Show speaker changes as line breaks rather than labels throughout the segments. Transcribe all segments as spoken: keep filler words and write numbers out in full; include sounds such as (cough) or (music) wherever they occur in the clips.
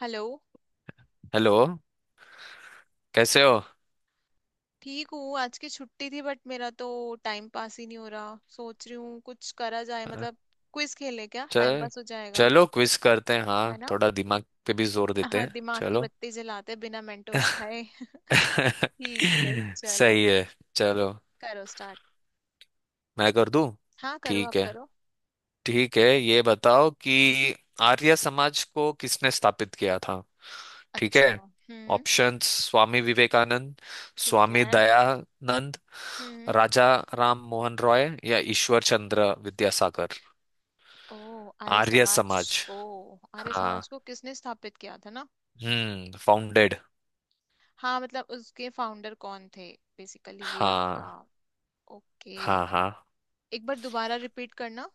Hello.
Hello. कैसे हो?
ठीक हूँ। आज की छुट्टी थी बट मेरा तो टाइम पास ही नहीं हो रहा। सोच रही हूँ कुछ करा जाए
अ,
मतलब क्विज खेले क्या टाइम
च,
पास हो जाएगा।
चलो क्विज करते हैं।
है
हाँ,
ना।
थोड़ा दिमाग पे भी जोर देते
हाँ
हैं।
दिमाग की
चलो।
बत्ती जलाते बिना मेंटोस खाए (laughs) ठीक है,
(laughs)
चलो।
सही है। चलो,
करो स्टार्ट।
मैं कर दूं?
हाँ करो, आप
ठीक है।
करो।
ठीक है, ये बताओ कि आर्य समाज को किसने स्थापित किया था? ठीक है।
अच्छा। हम्म।
ऑप्शंस। स्वामी विवेकानंद,
ठीक
स्वामी
है।
दयानंद,
हम्म।
राजा राम मोहन रॉय, या ईश्वर चंद्र विद्यासागर।
ओ आर्य
आर्य
समाज।
समाज।
ओ आर्य
हाँ।
समाज को किसने स्थापित किया था ना?
हम्म, फाउंडेड।
हाँ मतलब उसके फाउंडर कौन थे, बेसिकली ये आपका।
हाँ
ओके।
हाँ हाँ।
एक बार दोबारा रिपीट करना।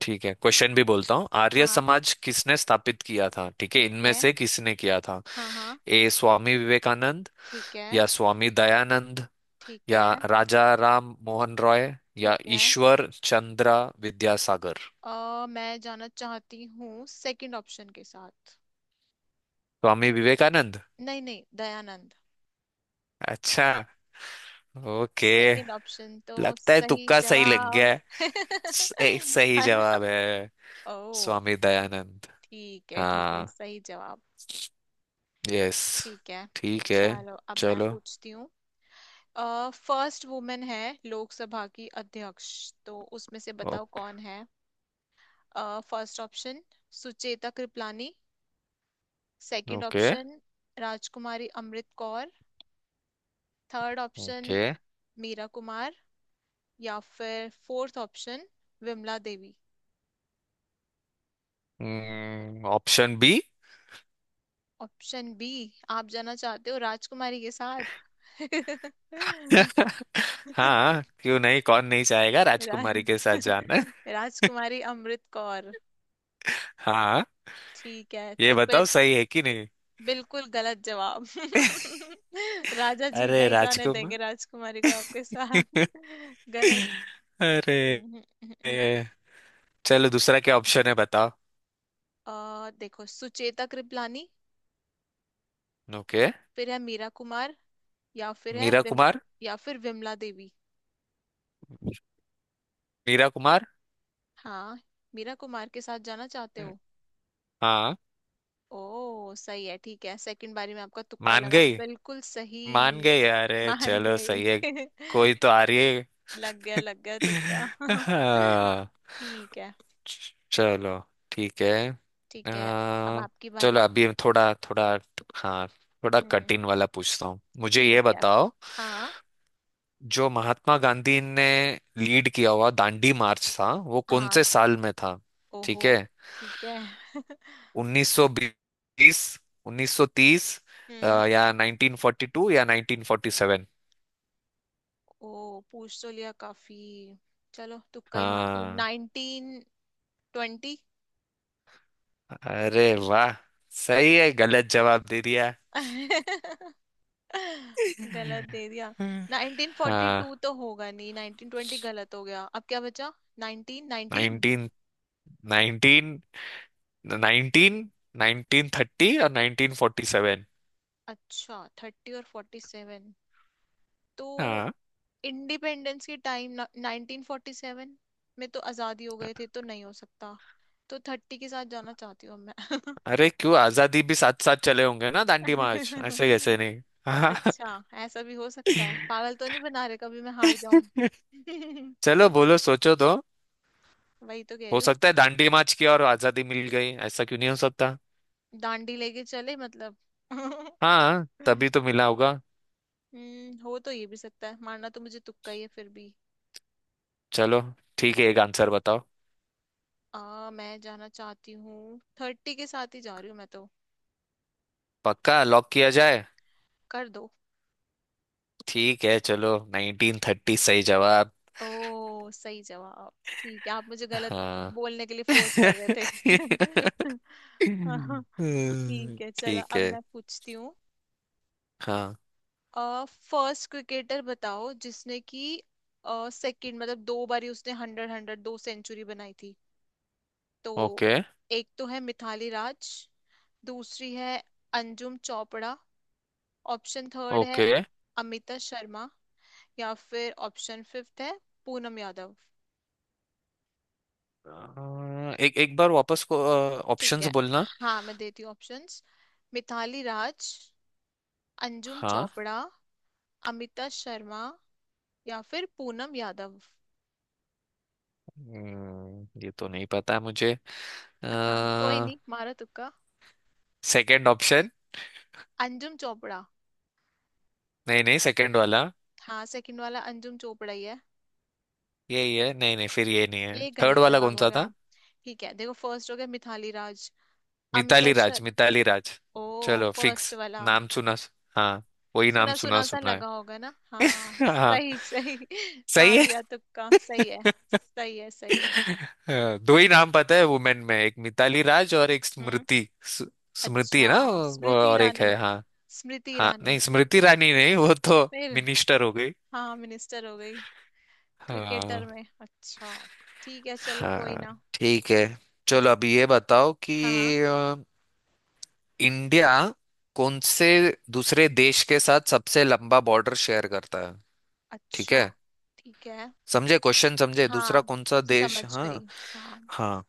ठीक है, क्वेश्चन भी बोलता हूँ। आर्य
हाँ
समाज किसने स्थापित किया था? ठीक है,
ठीक
इनमें
है।
से किसने किया था?
हाँ हाँ।
ए, स्वामी विवेकानंद,
ठीक है।
या स्वामी दयानंद,
ठीक
या
है।
राजा राम मोहन रॉय, या
ठीक है।
ईश्वर चंद्र विद्यासागर।
अ मैं जाना चाहती हूँ सेकंड ऑप्शन के साथ।
स्वामी विवेकानंद?
नहीं नहीं, दयानंद।
अच्छा। ओके।
सेकंड ऑप्शन तो
लगता है
सही
तुक्का सही लग गया
जवाब
है।
(laughs)
सही सही
है ना।
जवाब है।
ओ।
स्वामी दयानंद।
ठीक है, ठीक है,
हाँ।
सही जवाब।
यस।
ठीक है,
ठीक है।
चलो अब मैं
चलो।
पूछती हूँ। फर्स्ट वुमेन है लोकसभा की अध्यक्ष, तो उसमें से बताओ
ओके
कौन है। First option, Sucheta Kripalani. Second
okay
option, Rajkumari Amrit Kaur. Third option,
okay.
Meera Kumar. या फिर fourth option, Vimla Devi.
Option B.
Option B. आप जाना चाहते हो राजकुमारी के साथ? (laughs)
(laughs) हाँ क्यों नहीं, कौन नहीं चाहेगा
रा,
राजकुमारी के साथ जाना।
(laughs) राजकुमारी अमृत कौर।
(laughs) हाँ।
ठीक है
ये
तो
बताओ
फिर,
सही है कि नहीं?
बिल्कुल गलत जवाब (laughs) राजा जी
अरे
नहीं जाने
राजकुमार।
देंगे राजकुमारी को आपके साथ
(laughs)
(laughs) गलत।
अरे
(laughs)
चलो, दूसरा क्या ऑप्शन है बताओ?
अ देखो, सुचेता कृपलानी,
ओके।
फिर है मीरा कुमार, या फिर है
मीरा
विम,
कुमार।
या फिर विमला देवी।
मीरा कुमार।
हाँ। मीरा कुमार के साथ जाना चाहते हो?
हाँ।
ओ सही है, ठीक है, सेकंड बारी में आपका तुक्का
मान
लगा,
गई।
बिल्कुल सही।
मान गई, अरे
मान
चलो सही
गई
है।
(laughs)
कोई तो आ रही है।
लग गया लग गया तुक्का
(laughs)
(laughs)
हाँ।
ठीक है।
चलो। ठीक है।
ठीक है। अब
आ,
आपकी
चलो
बारी।
अभी हम थोड़ा थोड़ा। हाँ थोड़ा
हम्म।
कठिन वाला पूछता हूँ, मुझे ये
ठीक है।
बताओ।
हाँ।
जो महात्मा गांधी ने लीड किया हुआ दांडी मार्च था, वो कौन
हाँ।
से साल में था?
ओहो।
ठीक है।
ठीक है।
उन्नीस सौ बीस, उन्नीस सौ तीस, अ,
हम्म।
या नाइनटीन फोर्टी टू, या नाइनटीन फोर्टी सेवन।
ओ पूछ तो लिया काफी। चलो तुक्का ही मारती हूँ,
हाँ।
Nineteen twenty.
अरे वाह। सही है, गलत जवाब दे दिया।
(laughs) गलत दे
(laughs)
दिया। नाइनटीन फोर्टी
हाँ।
टू तो होगा नहीं, नाइनटीन ट्वेंटी गलत हो गया, अब क्या बचा? Nineteen nineteen.
Nineteen thirty. Nineteen nineteen nineteen thirty और नाइनटीन फोर्टी सेवन।
अच्छा, थर्टी और फोर्टी सेवन। तो
हाँ।
इंडिपेंडेंस के टाइम नाइनटीन फोर्टी सेवन में तो आजादी हो गए थे, तो नहीं हो सकता। तो थर्टी के साथ जाना चाहती हूँ अब।
अरे क्यों, आजादी भी साथ साथ चले होंगे ना
मैं
दांडी मार्च, ऐसे कैसे
(laughs)
नहीं। (laughs) हाँ।
अच्छा, ऐसा भी हो सकता है। पागल तो नहीं बना रहे कभी, मैं हार जाऊं।
चलो
(laughs)
बोलो, सोचो तो।
वही तो कह रही
हो
हूँ।
सकता है दांडी मार्च की और आजादी मिल गई, ऐसा क्यों नहीं हो सकता?
डांडी लेके चले मतलब। (laughs)
हाँ तभी तो मिला होगा।
हम्म, हो तो ये भी सकता है, मारना तो मुझे तुक्का ही है फिर भी।
चलो ठीक है, एक आंसर बताओ।
आ मैं जाना चाहती हूँ, थर्टी के साथ ही जा रही हूँ मैं तो।
पक्का लॉक किया जाए?
कर दो।
ठीक है चलो, नाइनटीन थर्टी सही जवाब।
ओ सही जवाब। ठीक है, आप मुझे गलत
हाँ।
बोलने के लिए
(laughs)
फोर्स कर रहे थे (laughs) हाँ,
हम्म,
ठीक है, चलो
ठीक
अब
है।
मैं पूछती हूँ।
हाँ।
फर्स्ट क्रिकेटर बताओ जिसने कि सेकंड मतलब दो बारी उसने हंड्रेड हंड्रेड दो सेंचुरी बनाई थी, तो
ओके।
एक तो है मिथाली राज। दूसरी है अंजुम चोपड़ा। ऑप्शन थर्ड है
ओके।
अमिता शर्मा। या फिर ऑप्शन फिफ्थ है पूनम यादव।
अ, एक एक बार वापस को
ठीक
ऑप्शंस
है,
बोलना।
हाँ मैं देती हूँ ऑप्शंस। मिथाली राज, अंजुम
हाँ।
चोपड़ा, अमिता शर्मा या फिर पूनम यादव।
हम्म, ये तो नहीं पता है मुझे।
(laughs) कोई नहीं मारा तुक्का?
Second option.
अंजुम चोपड़ा।
नहीं नहीं, सेकंड वाला।
हाँ, सेकंड वाला अंजुम चोपड़ा ही है।
यही है। नहीं नहीं, फिर ये नहीं है।
ये
थर्ड
गलत
वाला
जवाब
कौन
हो
सा
गया।
था?
ठीक है देखो, फर्स्ट हो गया मिथाली राज, अमिता
मिताली राज।
शर
मिताली राज।
ओ,
चलो
फर्स्ट
फिक्स।
वाला।
नाम सुना। हाँ वही, नाम
सुना
सुना
सुना सा
सुना है।
लगा होगा ना,
(laughs)
हाँ
हाँ।
सही सही। (laughs)
सही
मार
है।
दिया तुक्का, सही है।
(laughs)
सही है, सही है।
(laughs) अ, दो ही नाम पता है वुमेन में, एक मिताली राज और एक
हम्म,
स्मृति स-। स्मृति है
अच्छा,
ना वो-
स्मृति
और एक
ईरानी।
है। हाँ।
स्मृति
हाँ
ईरानी।
नहीं, स्मृति रानी नहीं, वो तो
फिर?
मिनिस्टर हो गई।
हाँ, मिनिस्टर हो गई।
हाँ।
क्रिकेटर में, अच्छा। ठीक है, चलो कोई
हाँ।
ना।
ठीक है। चलो
जी।
अभी ये बताओ कि
हाँ।
अ, इंडिया कौन से दूसरे देश के साथ सबसे लंबा बॉर्डर शेयर करता है? ठीक
अच्छा।
है।
ठीक है,
समझे क्वेश्चन? समझे, दूसरा
हाँ
कौन सा देश।
समझ
हाँ।
गई। हाँ।
हाँ।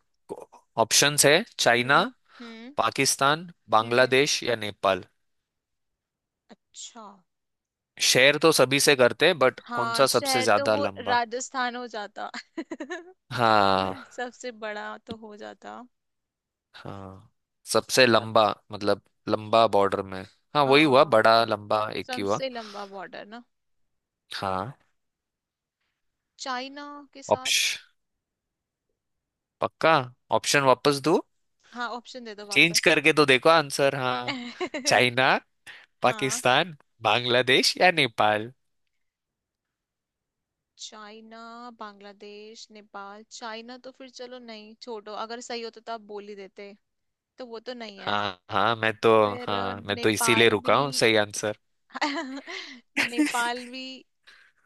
ऑप्शंस है चाइना,
हम्म। हम्म।
पाकिस्तान,
हम्म।
बांग्लादेश या नेपाल।
अच्छा।
शेयर तो सभी से करते हैं बट कौन
हाँ,
सा सबसे
शहर तो
ज्यादा
वो
लंबा।
राजस्थान हो जाता
हाँ।
(laughs) सबसे बड़ा तो हो जाता।
हाँ, सबसे
सब,
लंबा, मतलब लंबा बॉर्डर में। हाँ वही हुआ,
हाँ
बड़ा
मतलब
लंबा एक ही हुआ।
सबसे लंबा बॉर्डर ना।
हाँ।
चाइना के साथ।
ऑप्श, पक्का। ऑप्शन वापस दो,
हाँ, ऑप्शन दे दो
चेंज
वापस।
करके तो देखो आंसर। हाँ।
(laughs)
चाइना,
हाँ।
पाकिस्तान, बांग्लादेश या नेपाल।
चाइना, बांग्लादेश, नेपाल, चाइना तो फिर चलो नहीं, छोड़ो, अगर सही होता तो आप बोल ही देते। तो वो तो नहीं है।
हाँ। हाँ मैं तो,
फिर अ,
हाँ मैं तो इसीलिए
नेपाल भी।
रुका हूँ सही आंसर।
(laughs) नेपाल भी।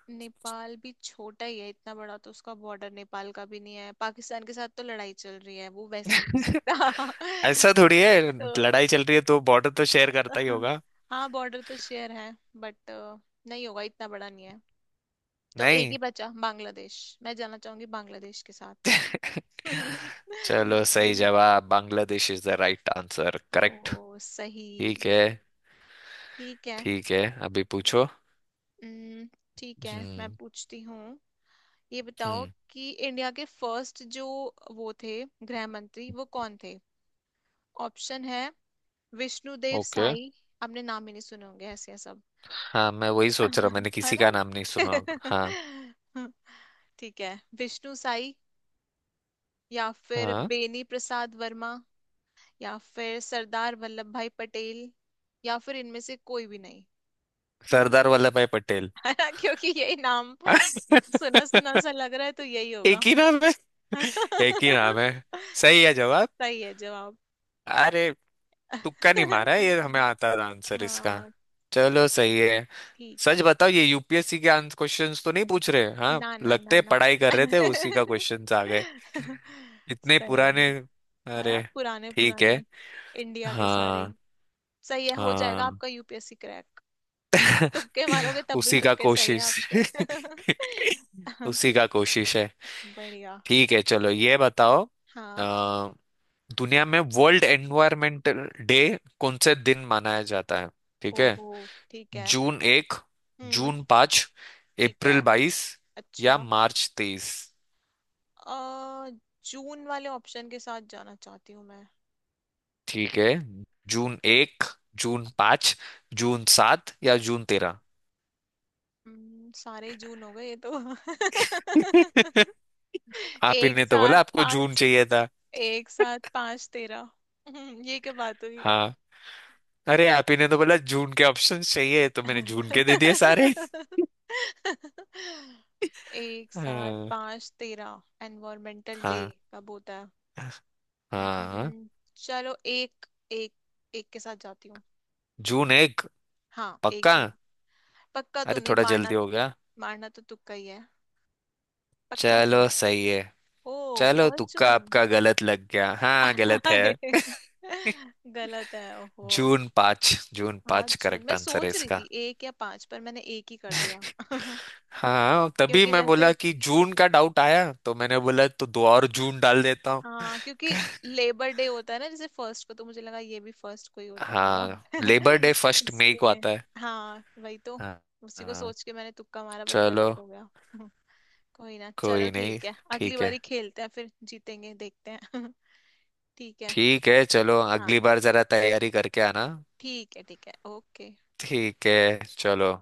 नेपाल भी छोटा ही है, इतना बड़ा तो उसका बॉर्डर नेपाल का भी नहीं है। पाकिस्तान के साथ तो लड़ाई चल रही है, वो वैसी नहीं हो सकता।
ऐसा
(laughs)
थोड़ी है,
तो
लड़ाई चल रही है तो बॉर्डर तो शेयर करता ही
(laughs)
होगा।
हाँ, बॉर्डर तो शेयर है बट नहीं होगा, इतना बड़ा नहीं है। तो एक ही
नहीं।
बचा बांग्लादेश, मैं जाना चाहूंगी बांग्लादेश के साथ। (laughs)
चलो सही जवाब, Bangladesh is the right answer, correct.
ओ सही।
ठीक है।
ठीक है।
ठीक है। अभी पूछो।
हम्म, ठीक है, मैं
हम्म।
पूछती हूँ। ये बताओ
हम्म।
कि इंडिया के फर्स्ट जो वो थे गृह मंत्री, वो कौन थे? ऑप्शन है विष्णुदेव
ओके।
साई। आपने नाम ही नहीं सुने होंगे, ऐसे हैं सब
हाँ मैं वही सोच रहा हूँ, मैंने
(laughs) है
किसी का
ना
नाम नहीं सुना होगा। हाँ।
(laughs) ठीक है, विष्णु साई या फिर
हाँ।
बेनी प्रसाद वर्मा या फिर सरदार वल्लभ भाई पटेल या फिर इनमें से कोई भी नहीं।
सरदार
(laughs)
वल्लभ भाई पटेल।
है ना, क्योंकि यही नाम सुना सुना सा
(laughs)
लग रहा है, तो यही
एक
होगा।
ही नाम है।
है
एक ही
ना।
नाम है।
(laughs)
सही है जवाब।
सही है जवाब।
अरे, तुक्का नहीं मारा है, ये हमें
(laughs)
आता था आंसर इसका।
हाँ।
चलो सही है।
ठीक
सच
है।
बताओ, ये यूपीएससी के आंसर क्वेश्चंस तो नहीं पूछ रहे? हाँ
ना ना
लगते
ना
हैं,
ना
पढ़ाई कर रहे
(laughs)
थे उसी का क्वेश्चंस आ गए, इतने
सही है।
पुराने।
है ना,
अरे।
पुराने
ठीक है।
पुराने। इंडिया के सारे।
हाँ।
सही है, हो जाएगा
हाँ।
आपका यूपीएससी क्रैक।
(laughs)
तुक्के मारोगे तब भी
उसी का
तुक्के सही है
कोशिश।
आपके।
(laughs)
(laughs)
उसी का कोशिश है।
बढ़िया।
ठीक है चलो, ये बताओ।
हाँ।
अ, दुनिया में वर्ल्ड एनवायरमेंटल डे कौन से दिन मनाया जाता है? ठीक है।
ओहो। ठीक है।
जून एक,
हम्म।
जून पाँच,
ठीक है।
अप्रैल बाईस, या
अच्छा।
मार्च तेईस।
अ जून वाले ऑप्शन के साथ जाना चाहती हूँ मैं।
ठीक है। जून एक, जून पाँच, जून सात, या जून तेरह।
हम्म, सारे ही जून हो गए ये तो
(laughs)
(laughs)
आप ही
एक
ने तो
साथ
बोला आपको जून
पांच।
चाहिए था।
एक साथ पांच तेरह। हम्म, ये क्या बात हुई।
हाँ। अरे आप ही ने तो बोला जून के ऑप्शन चाहिए, तो मैंने जून के दे दिए सारे।
(laughs) एक साथ
हाँ।
पांच तेरह एनवायरमेंटल डे
हाँ।
कब होता है? हम्म, हम्म,
हाँ।
हम्म, चलो एक, एक, एक के साथ जाती हूँ।
जून एक।
हाँ, एक
पक्का?
जून पक्का तो
अरे
नहीं
थोड़ा
मारना,
जल्दी हो गया।
मारना तो तुक्का ही है, पक्का नहीं
चलो
है।
सही है।
ओ,
चलो
फर्स्ट
तुक्का
जून
आपका गलत लग गया, हाँ
(laughs)
गलत है।
हाय।
(laughs)
गलत है ओहो।
जून पाँच, जून
हाँ
पाँच
जून,
करेक्ट
मैं
आंसर है
सोच रही
इसका।
थी एक या पांच, पर मैंने एक ही कर दिया (laughs)
हाँ तभी
क्योंकि
मैं
जैसे,
बोला कि जून का डाउट आया, तो मैंने बोला तो दो और जून डाल देता हूँ।
हाँ क्योंकि
(laughs)
लेबर डे होता है ना जैसे फर्स्ट को, तो मुझे लगा ये भी फर्स्ट को ही होता होगा
हाँ लेबर डे
(laughs)
फर्स्ट मई को
इसलिए।
आता है।
हाँ वही तो,
हाँ।
उसी को
हाँ,
सोच के मैंने तुक्का मारा बट
चलो।
गलत हो गया (laughs) कोई ना, चलो
कोई नहीं।
ठीक है, अगली
ठीक है।
बारी खेलते हैं फिर जीतेंगे देखते हैं (laughs) ठीक है।
ठीक है चलो,
हाँ
अगली बार जरा तैयारी करके आना।
ठीक है। ठीक है ओके।
ठीक है। चलो।